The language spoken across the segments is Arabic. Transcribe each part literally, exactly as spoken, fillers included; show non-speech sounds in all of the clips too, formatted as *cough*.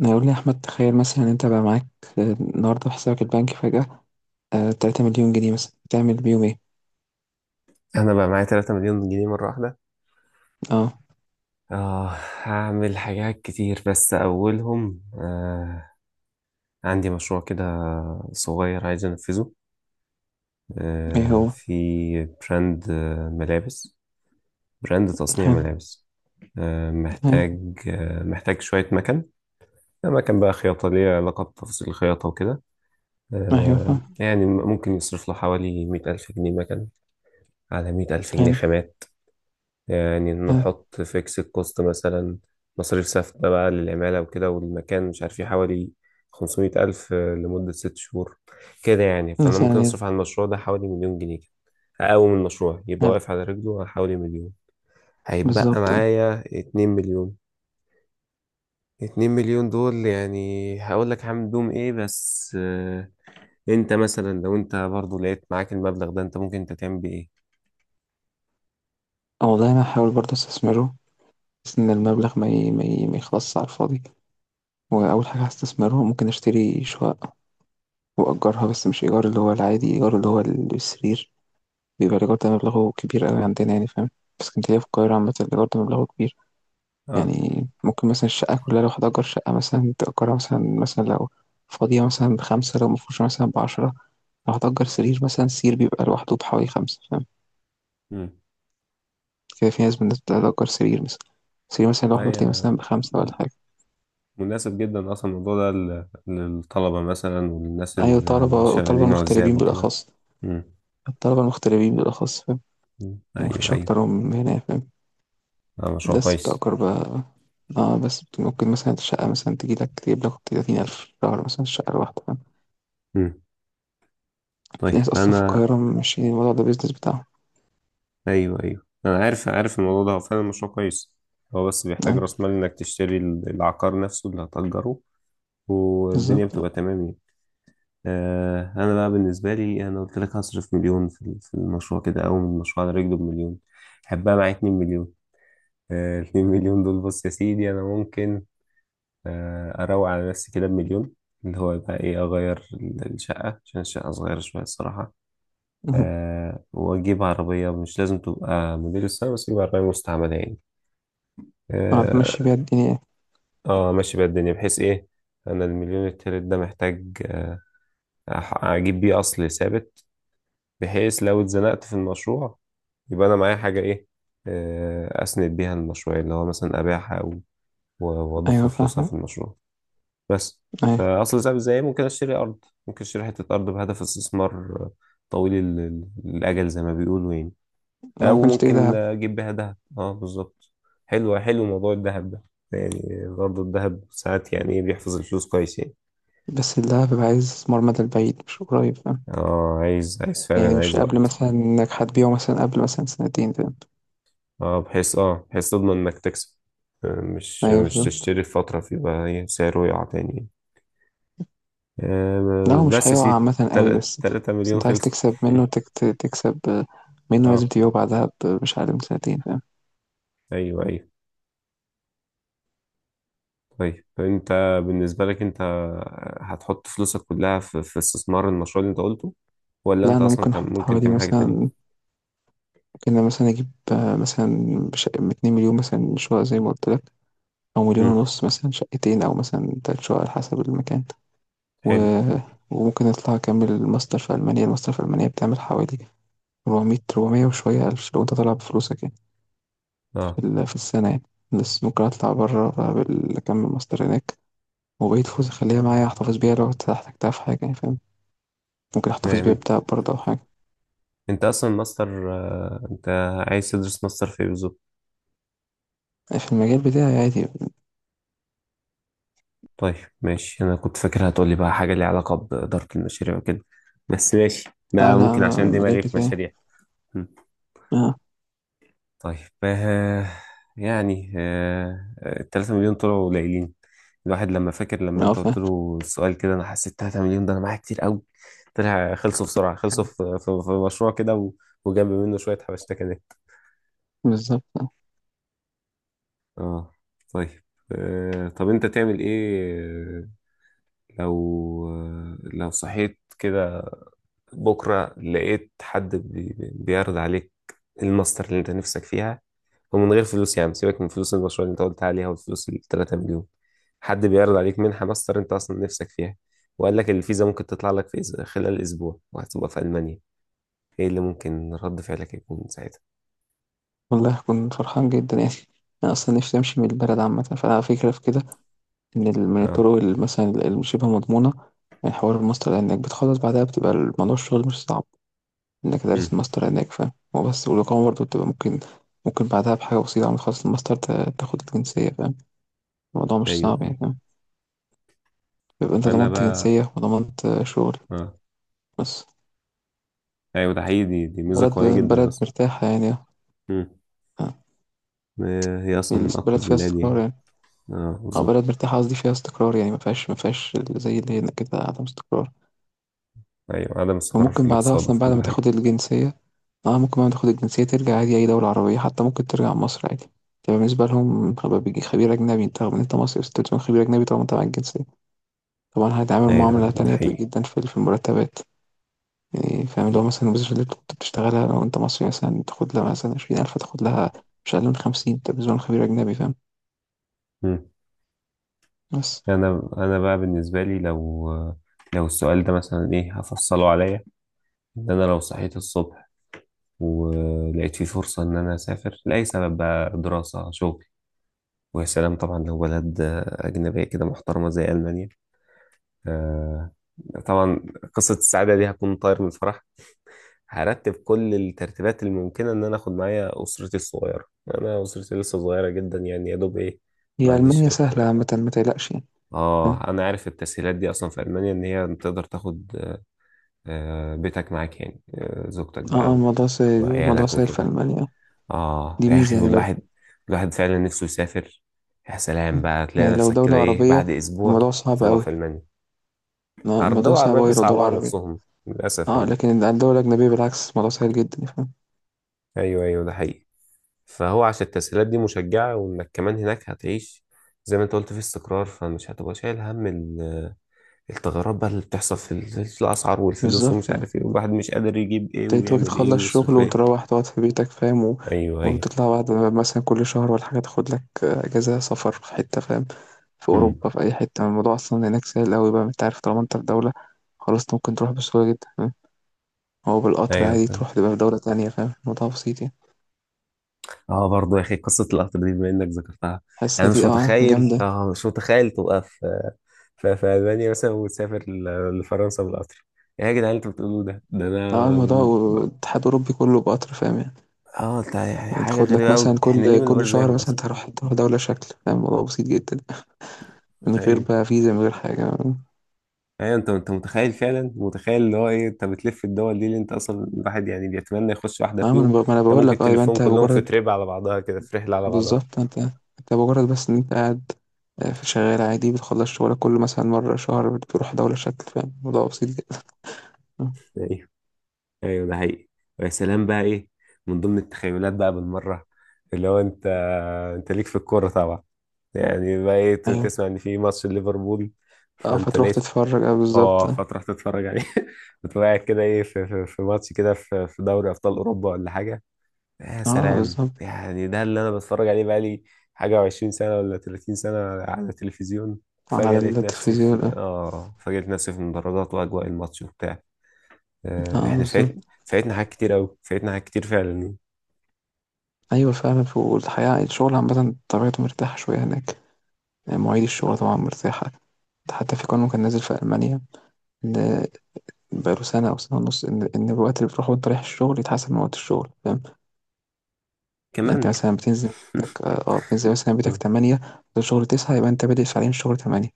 يقول لي يا أحمد، تخيل مثلا أنت بقى معاك آه، النهاردة في حسابك البنكي فجأة آه، تلاتة مليون جنيه مثلا، تعمل بيهم إيه؟ انا بقى معايا 3 مليون جنيه مره واحده. أه. اه. هعمل حاجات كتير بس اولهم، آه عندي مشروع كده صغير عايز انفذه، إيه آه هو؟ في براند، آه، ملابس، براند تصنيع حلو. ملابس. آه حلو. محتاج آه محتاج شويه مكن، مكن بقى خياطه ليها علاقه بتفاصيل الخياطه وكده. أيوه، آه فاهم. يعني ممكن يصرف له حوالي مائة ألف جنيه مكن، على مية ألف جنيه حلو. خامات، يعني حلو نحط فيكس الكوست مثلا. مصاريف ثابتة بقى للعمالة وكده والمكان، مش عارف ايه، حوالي خمسمية ألف لمدة ست شهور، كده يعني. فأنا مثلا ممكن يعني. أصرف على المشروع ده حوالي مليون جنيه، كده أقوم المشروع يبقى حلو. واقف على رجله على حوالي مليون. هيتبقى بالظبط أه. معايا اتنين مليون. اتنين مليون دول يعني هقول لك هعمل بيهم ايه، بس آه، انت مثلا لو انت برضو لقيت معاك المبلغ ده، انت ممكن انت تعمل بيه ايه؟ والله أنا هحاول برضه أستثمره، بس إن المبلغ ما ي... ما, ي... ما يخلصش على الفاضي. وأول حاجة هستثمره، ممكن أشتري شقة وأجرها، بس مش إيجار اللي هو العادي، إيجار اللي هو السرير. بيبقى الإيجار ده مبلغه كبير أوي عندنا، يعني فاهم. بس كنت في اسكندرية، في القاهرة عامة الإيجار ده مبلغه كبير، اه. يعني. ممكن مثلا الشقة كلها، لو هتأجر شقة مثلا تأجرها مثلا مثلا لو فاضية مثلا بخمسة، لو مفروشة مثلا بعشرة. لو هتأجر سرير مثلا، السرير بيبقى لوحده بحوالي خمسة، فاهم. كده في ناس، بالناس بتأجر سرير مثلا، سرير مثلا لوحده تلاقيه امم مثلا بخمسة ولا حاجة. مناسب جدا اصلا الموضوع ده لل- للطلبة مثلا وللناس أيوة، ال- طلبة، اللي وطلبة شغالين عزاب المغتربين وكده. بالأخص. مم. الطلبة المغتربين بالأخص، فاهم. مم. ايوه مفيش ايوه. أكتر من هنا، فاهم. ده مشروع بس كويس. بتأجر بقى، اه، بس بت- ممكن مثلا الشقة مثلا تجي لك، تجيب لك تلاتين ألف شهر مثلا الشقة الواحدة، فاهم. مم. في طيب ناس أصلا في انا. القاهرة ماشيين الموضوع ده بيزنس بتاعهم. ايوه ايوه، انا عارف عارف الموضوع ده هو فعلا مشروع كويس. هو بس بيحتاج راس مال انك تشتري ال- العقار نفسه اللي هتأجره، والدنيا بالضبط آه. بتبقى تمام يعني. آه. انا بقى بالنسبة لي، انا قلت لك هصرف مليون في ال- في المشروع كده، او من المشروع على رجله بمليون. حبها معايا 2 مليون. آه، 2 مليون دول، بص يا سيدي انا ممكن آه، اروق على نفسي كده بمليون، اللي هو يبقى ايه، اغير ال- الشقه عشان الشقه صغيره شويه الصراحه. اهم. أه، واجيب عربيه مش لازم تبقى موديل السنه، بس اجيب عربيه مستعمله يعني. آه، تمشّي *laughs* بيها اه. الدنيا. آه، ماشي بقى الدنيا، بحيث ايه، انا المليون التالت ده محتاج آه، أح- اجيب بيه اصل ثابت، بحيث لو اتزنقت في المشروع يبقى انا معايا حاجه ايه، آه، اسند بيها المشروع، اللي هو مثلا ابيعها او و- واضخ أيوه، فلوسها فاهمك. في المشروع. بس. أيوه. فاصل صعب ازاي، ممكن اشتري ارض، ممكن اشتري حته ارض بهدف استثمار طويل ال- ال- الاجل زي ما بيقولوا يعني، أنا ما او كنتش تلاقي ممكن دهب. اجيب بيها ذهب. اه، بالظبط. حلو حلو، موضوع الذهب ده يعني برضه الذهب ساعات يعني إيه، بيحفظ الفلوس كويس يعني. بس الدهب بيبقى عايز استثمار مدى البعيد مش قريب، فاهم. اه، عايز عايز يعني فعلا، مش عايز قبل وقت. مثلًا إنك هتبيعه مثلًا قبل مثلًا سنتين، فاهم. اه، بحيث اه بحيث تضمن انك تكسب، آه، مش أيوه، مش بالضبط. تشتري في فترة فيبقى إيه سعره يقع تاني يعني. لأ، هو آه، مش بس يا هيقع سيدي، عامةً أوي، تلاتة بس تلاتة بس مليون أنت عايز خلصوا. تكسب *laughs* منه، تك ت تكسب آه، منه لازم اه. تبيعه بعدها ب مش أقل من سنتين، فاهم. ايوه ايوه. طيب، انت بالنسبة لك، انت هتحط فلوسك كلها في, في استثمار المشروع اللي انت قلته، ولا لأ، انت أنا اصلا ممكن كان أحط ممكن حوالي تعمل حاجة مثلًا، تانية؟ ممكن أنا مثلًا أجيب آه، مثلًا بش باتنين مليون مثلًا شقق زي ما قُلت لك، أو امم. مليون ونص مثلًا شقتين، أو مثلًا ثلاث شقق على حسب المكان. حلو. و- وممكن اطلع اكمل الماستر في المانيا. الماستر في المانيا بتعمل حوالي أربعمية أربعمية وشويه الف لو انت طالع بفلوسك، يعني في اه. ال- في السنه، يعني. بس ممكن اطلع بره بقى بال- اكمل ماستر هناك، وبقيت فلوس اخليها معايا، احتفظ بيها لو احتجتها في حاجه، يعني فاهم. ممكن احتفظ تمام. بيها انت بتاع برضه او حاجه. انت اصلا ماستر، آه، انت عايز تدرس ماستر في ايه بالظبط؟ في المجال بتاعي عادي. طيب ماشي. انا كنت فاكر هتقولي بقى حاجة ليها علاقة بإدارة المشاريع وكده، بس ماشي، لا، ما لا، ممكن أنا عشان المجال دماغي في بتاعي. مشاريع. اه. طيب. آه. يعني آه التلاتة مليون طلعوا قليلين، الواحد لما فاكر لما اه، انت فاهم. قلت له السؤال كده، انا حسيت 3 مليون ده انا معايا كتير قوي. طلع خلصوا بسرعة، خلصوا في, في, في مشروع كده و- وجنب منه شوية حبشتكنات. بالظبط. اه. طيب. آه. طب انت تعمل ايه لو، آه، لو صحيت كده بكرة لقيت حد بي- بيعرض عليك الماستر اللي انت نفسك فيها، ومن غير فلوس يعني، سيبك من فلوس المشروع اللي انت قلت عليها والفلوس ال 3 مليون، حد بيعرض عليك منحة ماستر انت اصلا نفسك فيها، وقال لك الفيزا ممكن تطلع لك في إز- خلال اسبوع وهتبقى في المانيا. ايه اللي ممكن رد فعلك يكون ساعتها؟ والله كنت فرحان جدا، يعني. انا اصلا نفسي امشي من البلد عامه، فانا فكره في كده من ال- من اه. الطرق ال- مثلا المشابهة مضمونة. يعني حوار الماستر، لأنك بتخلص بعدها بتبقى الموضوع، الشغل مش صعب. إنك دارس امم. الماستر لأنك فاهم هو بس. والإقامة برضه بتبقى ممكن ممكن بعدها بحاجة بسيطة، عم تخلص الماستر تا- تاخد الجنسية، فاهم. الموضوع مش ايوه صعب، ايوه. يعني فاهم. يبقى أنت انا ضمنت بقى. جنسية، وضمنت آه، شغل. اه. بس ايوه، ده حقيقي، دي, دي ميزة بلد قوية جدا بلد اصلا. مرتاحة، يعني. امم. آه، آه، هي اصلا من بلد اقوى فيها البلاد استقرار، يعني. يعني. اه أو بلد بالظبط. مرتاحة، قصدي فيها استقرار، يعني ما فيهاش، ما فيهاش زي اللي هنا كده عدم استقرار. ايوه، عدم استقرار في وممكن بعدها الاقتصاد أصلا وفي بعد كل ما حاجة. تاخد الجنسية، اه ممكن بعد ما تاخد الجنسية ترجع عادي أي دولة عربية، حتى ممكن ترجع مصر عادي. تبقى بالنسبة لهم خب- بيجي خبير أجنبي. أنت رغم إن أنت مصري، بس تكون خبير أجنبي، طبعا أنت معاك الجنسية. طبعا هيتعامل معاملة ايوه ده تانية حقيقي. جدا، في في المرتبات، يعني فاهم. لو مثلا الوظيفة اللي كنت بتشتغلها لو أنت مصري مثلا تاخد لها مثلا عشرين ألف، تاخد لها مش أقل من خمسين. أنت بالنسبة لهم خبير أجنبي، فاهم. مم. بس انا انا بقى بالنسبه لي لو، لو السؤال ده مثلا ايه هفصله عليا، ان انا لو صحيت الصبح ولقيت في فرصه ان انا اسافر لاي سبب بقى، دراسه شغل، ويا سلام طبعا، لو بلد اجنبيه كده محترمه زي المانيا. آه، طبعا، قصه السعاده دي هكون طاير من الفرح، هرتب كل الترتيبات الممكنه ان انا اخد معايا اسرتي الصغيره. انا اسرتي لسه صغيره جدا يعني، يا دوب ايه، ما هي عنديش ألمانيا غير. سهلة عامة، ما تقلقش، يعني. فاهم؟ اه، انا عارف التسهيلات دي اصلا في المانيا، ان هي تقدر تاخد آه، بيتك معاك يعني، آه، زوجتك بقى اه، اه، و- الموضوع سهل، الموضوع وعيالك سهل في وكده. ألمانيا. اه دي يا ميزة اخي، يعني والواحد الواحد فعلا نفسه يسافر. يا سلام بقى، تلاقي يعني لو نفسك كده دولة ايه عربية بعد اسبوع الموضوع صعب تبقى أوي. في المانيا. آه، عر- الدول الموضوع صعب العربيه أوي لو بيصعبوا دولة على عربية. نفسهم للاسف اه، يعني. لكن الدولة الأجنبية بالعكس، الموضوع سهل جدا، يعني فاهم. ايوه ايوه ده حقيقي. فهو عشان التسهيلات دي مشجعه، وانك كمان هناك هتعيش زي ما انت قلت في استقرار، فمش هتبقى شايل هم الثغرات بقى اللي بتحصل في ال- في الأسعار والفلوس ومش بالظبط. عارف ايه، والواحد مش قادر يجيب ايه انت ممكن ويعمل ايه تخلص شغل ويصرف ايه. وتروح تقعد في بيتك، فاهم. و... ايوه ايوه. وتطلع بعد ما- مثلا كل شهر ولا حاجة، تاخد لك آه، أجازة سفر في حتة، فاهم. في امم. أوروبا، في أي حتة الموضوع أصلا هناك سهل أوي بقى، انت عارف طالما انت في دولة، خلاص انت ممكن تروح بسهولة جدا، فاهم. هو بالقطر ايوه عادي فاهم. تروح تبقى في دولة تانية، فاهم. الموضوع بسيط يعني. اه برضه يا اخي، قصة القطر دي بما انك ذكرتها، حاسة انا مش دي اه متخيل، جامدة. اه مش متخيل تبقى في في, في ألمانيا مثلا وتسافر ل- لفرنسا بالقطر. ايه يا جدعان اللي انتوا بتقولوه ده، ده انا. اه، الموضوع و- الاتحاد الأوروبي كله بقطر، فاهم يعني؟ اه، ده يعني حاجة تاخد لك غريبة قوي، مثلا احنا ليه كل ما نبقاش كل شهر زيهم مثلا اصلا؟ تروح تروح دولة شكل، فاهم. الموضوع بسيط جدا، من غير ايوه بقى فيزا، من غير حاجة. ايوه، انت انت متخيل فعلا، متخيل اللي هو ايه، انت بتلف الدول دي اللي انت اصلا الواحد يعني بيتمنى يخش واحده اه، ما انا فيهم. ب- ما انا انت بقول ممكن لك. اه يبقى تلفهم انت كلهم في مجرد. تريب على بعضها كده، في رحله على بعضها. بالظبط. انت انت مجرد بس ان انت قاعد، آه، في شغال عادي بتخلص شغلك كل مثلا مرة شهر بتروح دولة شكل، فاهم. الموضوع بسيط جدا. آه. ايوه ايوه ده حقيقي. ويا سلام بقى ايه، من ضمن التخيلات بقى بالمره، اللي هو انت انت ليك في الكوره طبعا، يعني بقى ايه، ت- ايوه، تسمع ان في ماتش ليفربول، اه فانت فتروح لقيت. تتفرج. اه، بالظبط. اه، اه. فتروح تتفرج عليه. *laughs* بتبقى قاعد كده ايه في, في, في ماتش كده في, في دوري ابطال اوروبا ولا حاجه. يا آه، سلام بالظبط يعني، ده اللي انا بتفرج عليه بقالي حاجة وعشرين سنة ولا تلاتين سنة على التلفزيون، على فجأة لقيت نفسي في، التلفزيون. اه، اه فجأة لقيت نفسي في المدرجات واجواء الماتش وبتاع. آه، اه، احنا بالظبط. فات، فاتنا حاجات كتير اوي، فاتنا حاجات كتير فعلا. ايوه، فعلا. ف- والحقيقة الشغل عامة طبيعته مرتاحة شوية هناك، يعني مواعيد الشغل طبعا مرتاحة. حتى في قانون كان نازل في ألمانيا، ان بقاله سنه او سنه ونص، ان ان الوقت اللي بتروحه وانت رايح الشغل يتحسب من وقت الشغل، فاهم. يعني انت كمان. *laughs* مثلا بتنزل بيتك اه آه، بتنزل مثلا بيتك مم. تمانية الشغل تسعة، يبقى انت بادئ ساعتين، الشغل تمانية،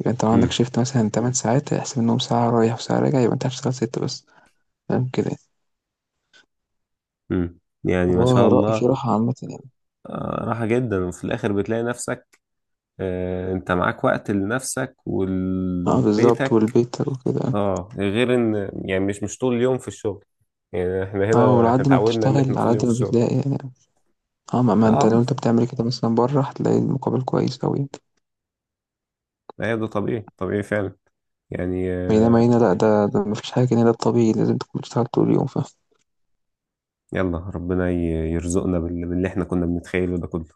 يبقى انت لو عندك مم. شيفت مثلا تمانية ساعات، هيحسب انهم ساعه رايح وساعه راجع، يبقى انت هتشتغل ستة بس، فاهم كده، يعني. مم. يعني اللي ما شاء هو رأي في الله. راحة عامة، يعني. آه، راحة جدا، وفي الآخر بتلاقي نفسك آه، أنت معاك وقت لنفسك اه، بالظبط، ولبيتك. والبيت وكده. اه، غير ان يعني مش مش طول اليوم في الشغل، يعني احنا اه هنا وعلى احنا قد ما اتعودنا ان احنا بتشتغل على طول اليوم قد في ما الشغل. بتلاقي، يعني. اه، ما, ما انت لو اه، انت بتعمل كده مثلا بره هتلاقي المقابل كويس أوي، يعني. ايوه ده طبيعي طبيعي فعلا، يعني بينما آه، هنا لأ، ده ده مفيش حاجة كده، ده الطبيعي لازم تكون بتشتغل طول اليوم يلا ربنا ي- يرزقنا بال- باللي احنا كنا بنتخيله ده كله.